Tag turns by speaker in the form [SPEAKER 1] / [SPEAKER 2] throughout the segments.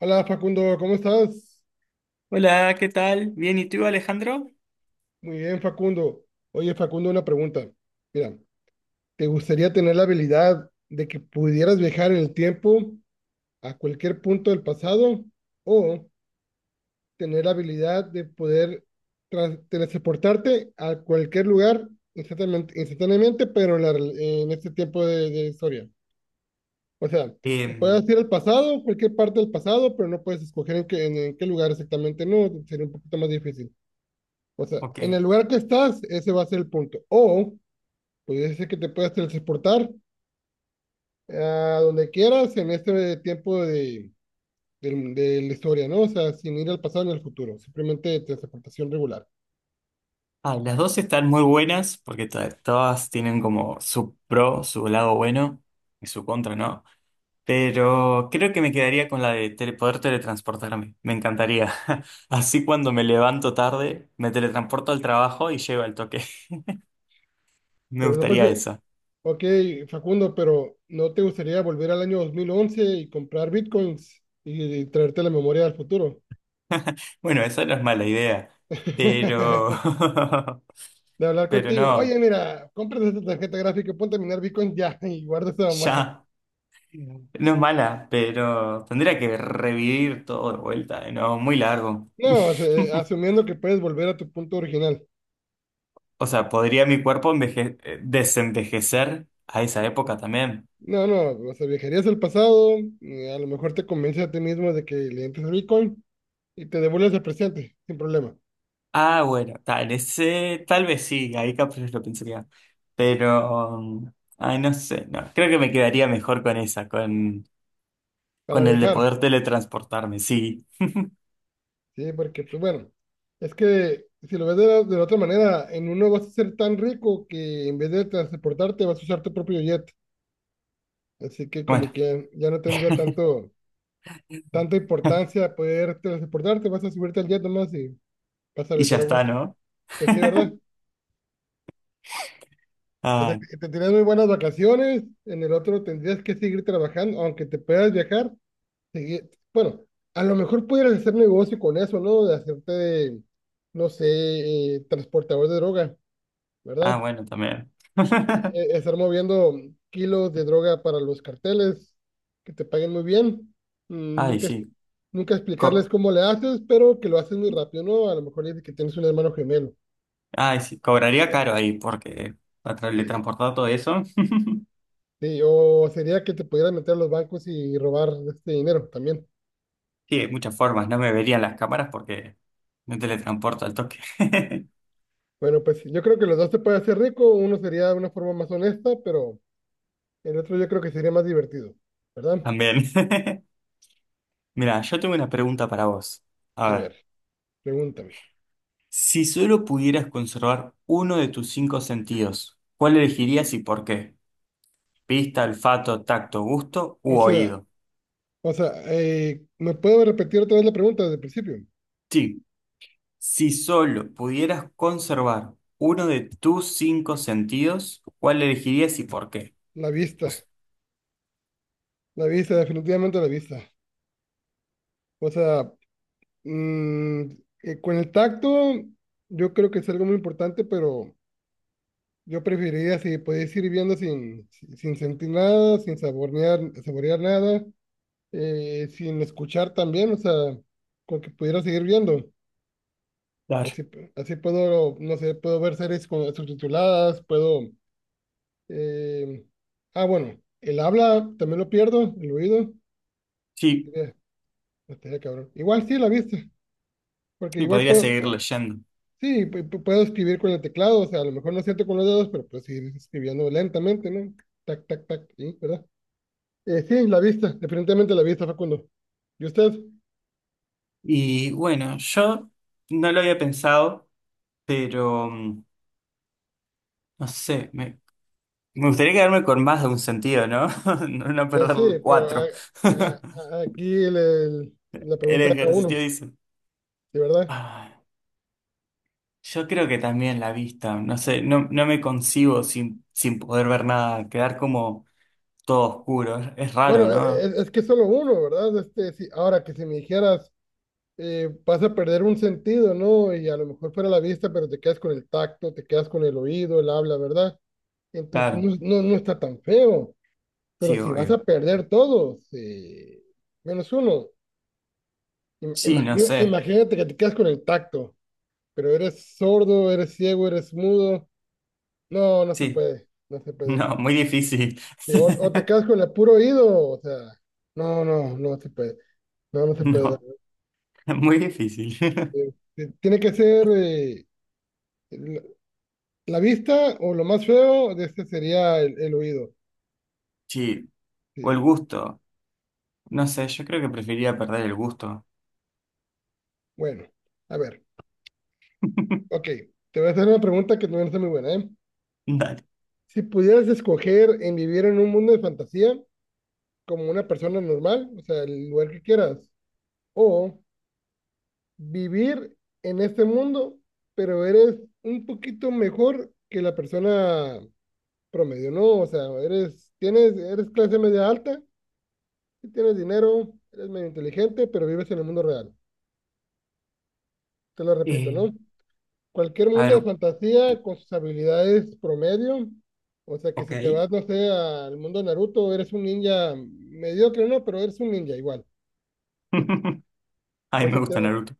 [SPEAKER 1] Hola Facundo, ¿cómo estás?
[SPEAKER 2] Hola, ¿qué tal? Bien, ¿y tú, Alejandro?
[SPEAKER 1] Muy bien, Facundo. Oye, Facundo, una pregunta. Mira, ¿te gustaría tener la habilidad de que pudieras viajar en el tiempo a cualquier punto del pasado o tener la habilidad de poder teletransportarte a cualquier lugar instantáneamente, instantáneamente, pero en este tiempo de historia? O sea, que puedas
[SPEAKER 2] Em,
[SPEAKER 1] ir al pasado, cualquier parte del pasado, pero no puedes escoger en qué, en qué lugar exactamente, no, sería un poquito más difícil. O sea,
[SPEAKER 2] ok.
[SPEAKER 1] en el lugar que estás, ese va a ser el punto. O pudiese ser que te puedas transportar a donde quieras en este tiempo de la historia, ¿no? O sea, sin ir al pasado ni al futuro, simplemente transportación regular.
[SPEAKER 2] Ah, las dos están muy buenas porque todas tienen como su pro, su lado bueno y su contra, ¿no? Pero creo que me quedaría con la de poder teletransportarme. Me encantaría. Así cuando me levanto tarde, me teletransporto al trabajo y llego al toque. Me
[SPEAKER 1] Pero no
[SPEAKER 2] gustaría
[SPEAKER 1] prefiero.
[SPEAKER 2] esa.
[SPEAKER 1] Ok, Facundo, pero ¿no te gustaría volver al año 2011 y comprar bitcoins y traerte la memoria del futuro?
[SPEAKER 2] Bueno, esa no es mala idea, pero...
[SPEAKER 1] De hablar
[SPEAKER 2] pero
[SPEAKER 1] contigo. Oye,
[SPEAKER 2] no,
[SPEAKER 1] mira, compras esta tarjeta gráfica, ponte a minar bitcoins ya y guarda esa memoria.
[SPEAKER 2] ya. No es mala, pero tendría que revivir todo de vuelta, ¿no? Muy largo.
[SPEAKER 1] No, o sea, asumiendo que puedes volver a tu punto original.
[SPEAKER 2] O sea, ¿podría mi cuerpo desenvejecer a esa época también?
[SPEAKER 1] No, o sea, viajarías al pasado, a lo mejor te convences a ti mismo de que le entres a Bitcoin y te devuelves al presente, sin problema,
[SPEAKER 2] Ah, bueno, tal, ese, tal vez sí, ahí capaz lo pensaría. Pero, ay, no sé, no, creo que me quedaría mejor con esa,
[SPEAKER 1] para
[SPEAKER 2] con el de
[SPEAKER 1] viajar,
[SPEAKER 2] poder teletransportarme, sí.
[SPEAKER 1] ¿sí? Porque, pues bueno, es que si lo ves de la otra manera, en uno vas a ser tan rico que en vez de transportarte vas a usar tu propio jet, así que como
[SPEAKER 2] Bueno,
[SPEAKER 1] que ya no tanta importancia poder transportarte, vas a subirte al jet nomás y vas a
[SPEAKER 2] y ya
[SPEAKER 1] viajar a
[SPEAKER 2] está,
[SPEAKER 1] gusto.
[SPEAKER 2] ¿no?
[SPEAKER 1] Pues sí, ¿verdad? O sea,
[SPEAKER 2] Ay,
[SPEAKER 1] que tendrías muy buenas vacaciones, en el otro tendrías que seguir trabajando, aunque te puedas viajar, bueno, a lo mejor pudieras hacer negocio con eso, ¿no? No sé, transportador de droga,
[SPEAKER 2] ah,
[SPEAKER 1] ¿verdad?
[SPEAKER 2] bueno, también.
[SPEAKER 1] Estar moviendo kilos de droga para los carteles, que te paguen muy bien. Mm,
[SPEAKER 2] Ay, sí.
[SPEAKER 1] Nunca explicarles cómo le haces, pero que lo haces muy rápido, ¿no? A lo mejor dices que tienes un hermano gemelo.
[SPEAKER 2] Ay, sí, cobraría caro ahí porque para le
[SPEAKER 1] eh,
[SPEAKER 2] transportar todo eso.
[SPEAKER 1] Sí, o sería que te pudieras meter a los bancos y robar este dinero también.
[SPEAKER 2] Sí, hay muchas formas. No me verían las cámaras porque me teletransporto al toque.
[SPEAKER 1] Bueno, pues yo creo que los dos se puede hacer rico. Uno sería de una forma más honesta, pero el otro yo creo que sería más divertido, ¿verdad?
[SPEAKER 2] También. Mira, yo tengo una pregunta para vos. A
[SPEAKER 1] A
[SPEAKER 2] ver,
[SPEAKER 1] ver, pregúntame.
[SPEAKER 2] si solo pudieras conservar uno de tus cinco sentidos, ¿cuál elegirías y por qué? Vista, olfato, tacto, gusto
[SPEAKER 1] O
[SPEAKER 2] u
[SPEAKER 1] sea,
[SPEAKER 2] oído.
[SPEAKER 1] ¿Me puedo repetir otra vez la pregunta desde el principio?
[SPEAKER 2] Sí, si solo pudieras conservar uno de tus cinco sentidos, ¿cuál elegirías y por qué?
[SPEAKER 1] La vista, la vista, definitivamente la vista. O sea, mm, con el tacto yo creo que es algo muy importante, pero yo preferiría si podéis ir viendo sin sentir nada, sin saborear, saborear nada. Sin escuchar también, o sea, con que pudiera seguir viendo.
[SPEAKER 2] Claro.
[SPEAKER 1] Así, así puedo, no sé, puedo ver series con, subtituladas, eh, ah, bueno, el habla también lo pierdo, el oído.
[SPEAKER 2] Sí.
[SPEAKER 1] eh, estaría cabrón. Igual sí, la vista, porque
[SPEAKER 2] Sí,
[SPEAKER 1] igual
[SPEAKER 2] podría seguir leyendo.
[SPEAKER 1] sí, puedo escribir con el teclado, o sea, a lo mejor no siento con los dedos, pero puedo seguir escribiendo lentamente, ¿no? Tac, tac, tac, sí, ¿verdad? Sí, la vista, definitivamente la vista, Facundo. ¿Y usted?
[SPEAKER 2] Y bueno, yo no lo había pensado, pero mm, no sé, me gustaría quedarme con más de un sentido, ¿no? No
[SPEAKER 1] Pues
[SPEAKER 2] perder
[SPEAKER 1] sí,
[SPEAKER 2] el
[SPEAKER 1] pero
[SPEAKER 2] cuatro.
[SPEAKER 1] aquí le
[SPEAKER 2] El
[SPEAKER 1] preguntan a
[SPEAKER 2] ejercicio
[SPEAKER 1] uno,
[SPEAKER 2] dice.
[SPEAKER 1] ¿sí, verdad?
[SPEAKER 2] Ah, yo creo que también la vista, no sé, no, no me concibo sin, sin poder ver nada, quedar como todo oscuro. Es raro,
[SPEAKER 1] Bueno,
[SPEAKER 2] ¿no?
[SPEAKER 1] es que solo uno, ¿verdad? Este, si ahora que si me dijeras, vas a perder un sentido, ¿no? Y a lo mejor fuera la vista, pero te quedas con el tacto, te quedas con el oído, el habla, ¿verdad? Entonces
[SPEAKER 2] Claro,
[SPEAKER 1] no, no está tan feo, pero
[SPEAKER 2] sí,
[SPEAKER 1] si vas
[SPEAKER 2] obvio.
[SPEAKER 1] a perder todos, menos uno,
[SPEAKER 2] Sí, no sé.
[SPEAKER 1] imagínate que te quedas con el tacto, pero eres sordo, eres ciego, eres mudo, no se
[SPEAKER 2] Sí,
[SPEAKER 1] puede, no se puede.
[SPEAKER 2] no, muy difícil.
[SPEAKER 1] O te quedas con el puro oído, o sea, no, no se puede, no se puede.
[SPEAKER 2] No, muy difícil.
[SPEAKER 1] Eh, Tiene que ser la, la vista o lo más feo de este sería el oído.
[SPEAKER 2] Sí, o
[SPEAKER 1] Sí,
[SPEAKER 2] el gusto. No sé, yo creo que preferiría perder el gusto.
[SPEAKER 1] bueno, a ver, ok, te voy a hacer una pregunta que no es muy buena, ¿eh?
[SPEAKER 2] Dale.
[SPEAKER 1] Si pudieras escoger en vivir en un mundo de fantasía como una persona normal, o sea, el lugar que quieras, o vivir en este mundo, pero eres un poquito mejor que la persona promedio, no, o sea, eres clase media alta, sí tienes dinero, eres medio inteligente, pero vives en el mundo real. Te lo repito,
[SPEAKER 2] Eh,
[SPEAKER 1] ¿no? Cualquier
[SPEAKER 2] a
[SPEAKER 1] mundo de
[SPEAKER 2] ver,
[SPEAKER 1] fantasía con sus habilidades promedio, o sea, que
[SPEAKER 2] ok.
[SPEAKER 1] si te vas, no sé, al mundo de Naruto, eres un ninja mediocre, ¿no? Pero eres un ninja igual.
[SPEAKER 2] Ay,
[SPEAKER 1] O
[SPEAKER 2] me
[SPEAKER 1] si te
[SPEAKER 2] gusta
[SPEAKER 1] vas,
[SPEAKER 2] Naruto.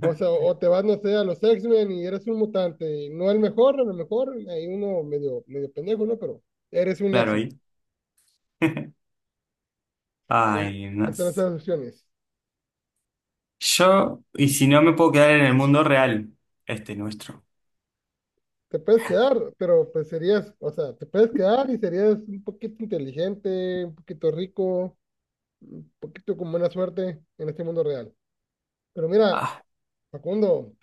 [SPEAKER 1] o sea, o te vas, no sé, a los X-Men y eres un mutante, y no el mejor, a lo mejor hay uno medio, medio pendejo, ¿no? Pero eres un
[SPEAKER 2] Claro,
[SPEAKER 1] X-Men.
[SPEAKER 2] ahí.
[SPEAKER 1] Ahí
[SPEAKER 2] Ay, no.
[SPEAKER 1] están las
[SPEAKER 2] s-
[SPEAKER 1] opciones.
[SPEAKER 2] Yo, y si no me puedo quedar en el mundo real, este nuestro.
[SPEAKER 1] Te puedes quedar, pero pues serías, o sea, te puedes quedar y serías un poquito inteligente, un poquito rico, un poquito con buena suerte en este mundo real. Pero mira,
[SPEAKER 2] Ah,
[SPEAKER 1] Facundo,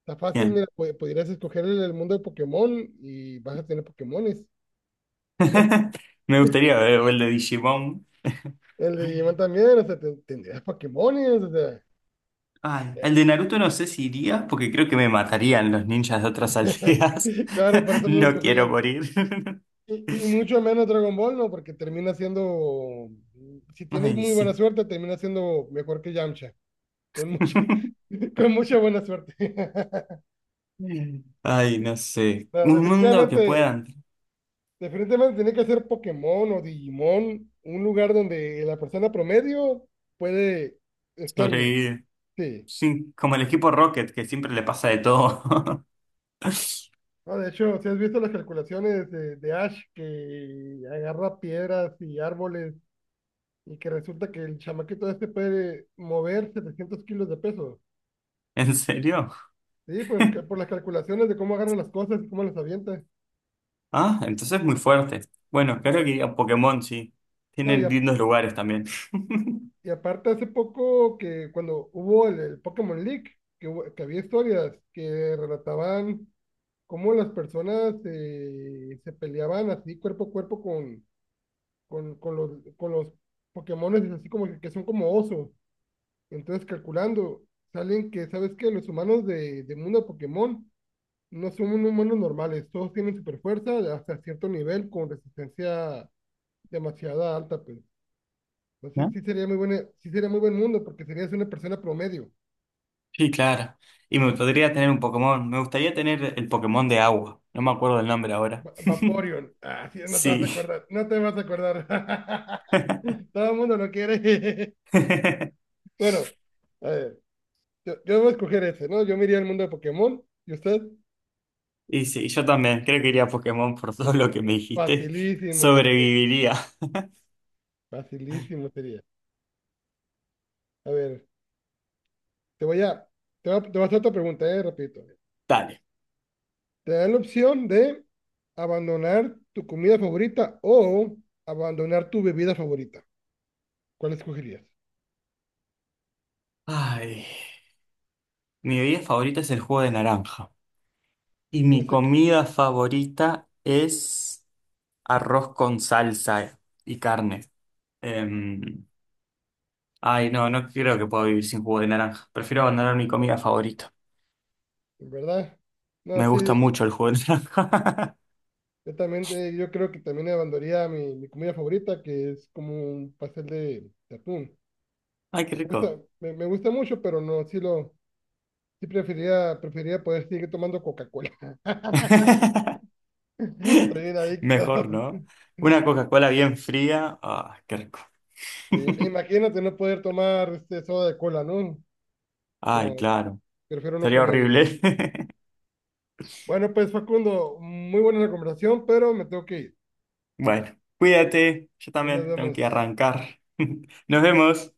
[SPEAKER 1] está fácil,
[SPEAKER 2] bien.
[SPEAKER 1] mira, pudieras escoger el mundo de Pokémon y vas a tener Pokémones.
[SPEAKER 2] Me gustaría ver o el de Digimon.
[SPEAKER 1] El de Digimon también, o sea, tendrías Pokémones, o sea.
[SPEAKER 2] Ay, el de Naruto no sé si iría porque creo que me matarían los ninjas de otras aldeas.
[SPEAKER 1] Claro, por eso no lo
[SPEAKER 2] No
[SPEAKER 1] escojo yo.
[SPEAKER 2] quiero morir.
[SPEAKER 1] Y mucho menos Dragon Ball, ¿no? Porque termina siendo, si tienes
[SPEAKER 2] Ay,
[SPEAKER 1] muy buena
[SPEAKER 2] sí.
[SPEAKER 1] suerte, termina siendo mejor que Yamcha. Con mucha, con mucha buena suerte.
[SPEAKER 2] Ay, no sé.
[SPEAKER 1] No,
[SPEAKER 2] Un mundo que
[SPEAKER 1] definitivamente,
[SPEAKER 2] puedan
[SPEAKER 1] definitivamente tiene que ser Pokémon o Digimon, un lugar donde la persona promedio puede estar bien.
[SPEAKER 2] sobrevivir.
[SPEAKER 1] Sí.
[SPEAKER 2] Sí, como el equipo Rocket, que siempre le pasa de todo.
[SPEAKER 1] No, de hecho, si has visto las calculaciones de Ash que agarra piedras y árboles y que resulta que el chamaquito este puede mover 700 kilos de peso.
[SPEAKER 2] ¿En serio?
[SPEAKER 1] Sí, pues que por las calculaciones de cómo agarra las cosas y cómo las avienta.
[SPEAKER 2] Ah, entonces muy fuerte. Bueno, claro
[SPEAKER 1] No,
[SPEAKER 2] que iría a Pokémon, sí.
[SPEAKER 1] no, y,
[SPEAKER 2] Tienen lindos lugares también.
[SPEAKER 1] Y aparte hace poco que cuando hubo el Pokémon League, que había historias que relataban cómo las personas se peleaban así cuerpo a cuerpo con con los Pokémones, así como que son como osos. Entonces calculando, salen que, ¿sabes qué? Los humanos de mundo Pokémon no son humanos normales, todos tienen super fuerza hasta cierto nivel con resistencia demasiada alta, pues. Entonces
[SPEAKER 2] ¿No?
[SPEAKER 1] sí sería muy buena, sí sería muy buen mundo porque serías una persona promedio.
[SPEAKER 2] Sí, claro. Y me podría tener un Pokémon. Me gustaría tener el Pokémon de agua. No me acuerdo el nombre ahora.
[SPEAKER 1] Vaporeon. Ah, sí, no te vas a
[SPEAKER 2] Sí.
[SPEAKER 1] acordar. No te vas a acordar. Todo el mundo lo quiere. Bueno, a ver, yo voy a escoger ese, ¿no? Yo me iría al mundo de Pokémon. ¿Y usted?
[SPEAKER 2] Y sí, yo también. Creo que iría a Pokémon por todo
[SPEAKER 1] Sí,
[SPEAKER 2] lo que me dijiste.
[SPEAKER 1] facilísimo, este,
[SPEAKER 2] Sobreviviría.
[SPEAKER 1] facilísimo sería. A ver, te voy a, te voy a hacer otra pregunta, repito.
[SPEAKER 2] Dale.
[SPEAKER 1] Te dan la opción de abandonar tu comida favorita o abandonar tu bebida favorita. ¿Cuál escogerías?
[SPEAKER 2] Ay. Mi bebida favorita es el jugo de naranja. Y
[SPEAKER 1] No
[SPEAKER 2] mi
[SPEAKER 1] sé, qué-
[SPEAKER 2] comida favorita es arroz con salsa y carne. Em, ay, no, no creo que pueda vivir sin jugo de naranja. Prefiero abandonar mi comida favorita.
[SPEAKER 1] ¿Verdad? No,
[SPEAKER 2] Me
[SPEAKER 1] sí,
[SPEAKER 2] gusta mucho el jugo de naranja.
[SPEAKER 1] yo también, yo creo que también abandonaría mi comida favorita, que es como un pastel de atún.
[SPEAKER 2] Ay, qué rico.
[SPEAKER 1] Me gusta mucho, pero no, sí lo, sí preferiría, preferiría poder seguir tomando Coca-Cola. Soy un
[SPEAKER 2] Mejor,
[SPEAKER 1] adicto.
[SPEAKER 2] ¿no? Una Coca-Cola bien fría. Ah, qué rico.
[SPEAKER 1] Sí, imagínate no poder tomar este soda de cola, ¿no? No,
[SPEAKER 2] Ay, claro.
[SPEAKER 1] prefiero no
[SPEAKER 2] Sería
[SPEAKER 1] comer ya.
[SPEAKER 2] horrible.
[SPEAKER 1] Bueno, pues Facundo, muy buena la conversación, pero me tengo que ir.
[SPEAKER 2] Bueno, cuídate. Yo
[SPEAKER 1] Ahí nos
[SPEAKER 2] también tengo que
[SPEAKER 1] vemos.
[SPEAKER 2] arrancar. Nos vemos.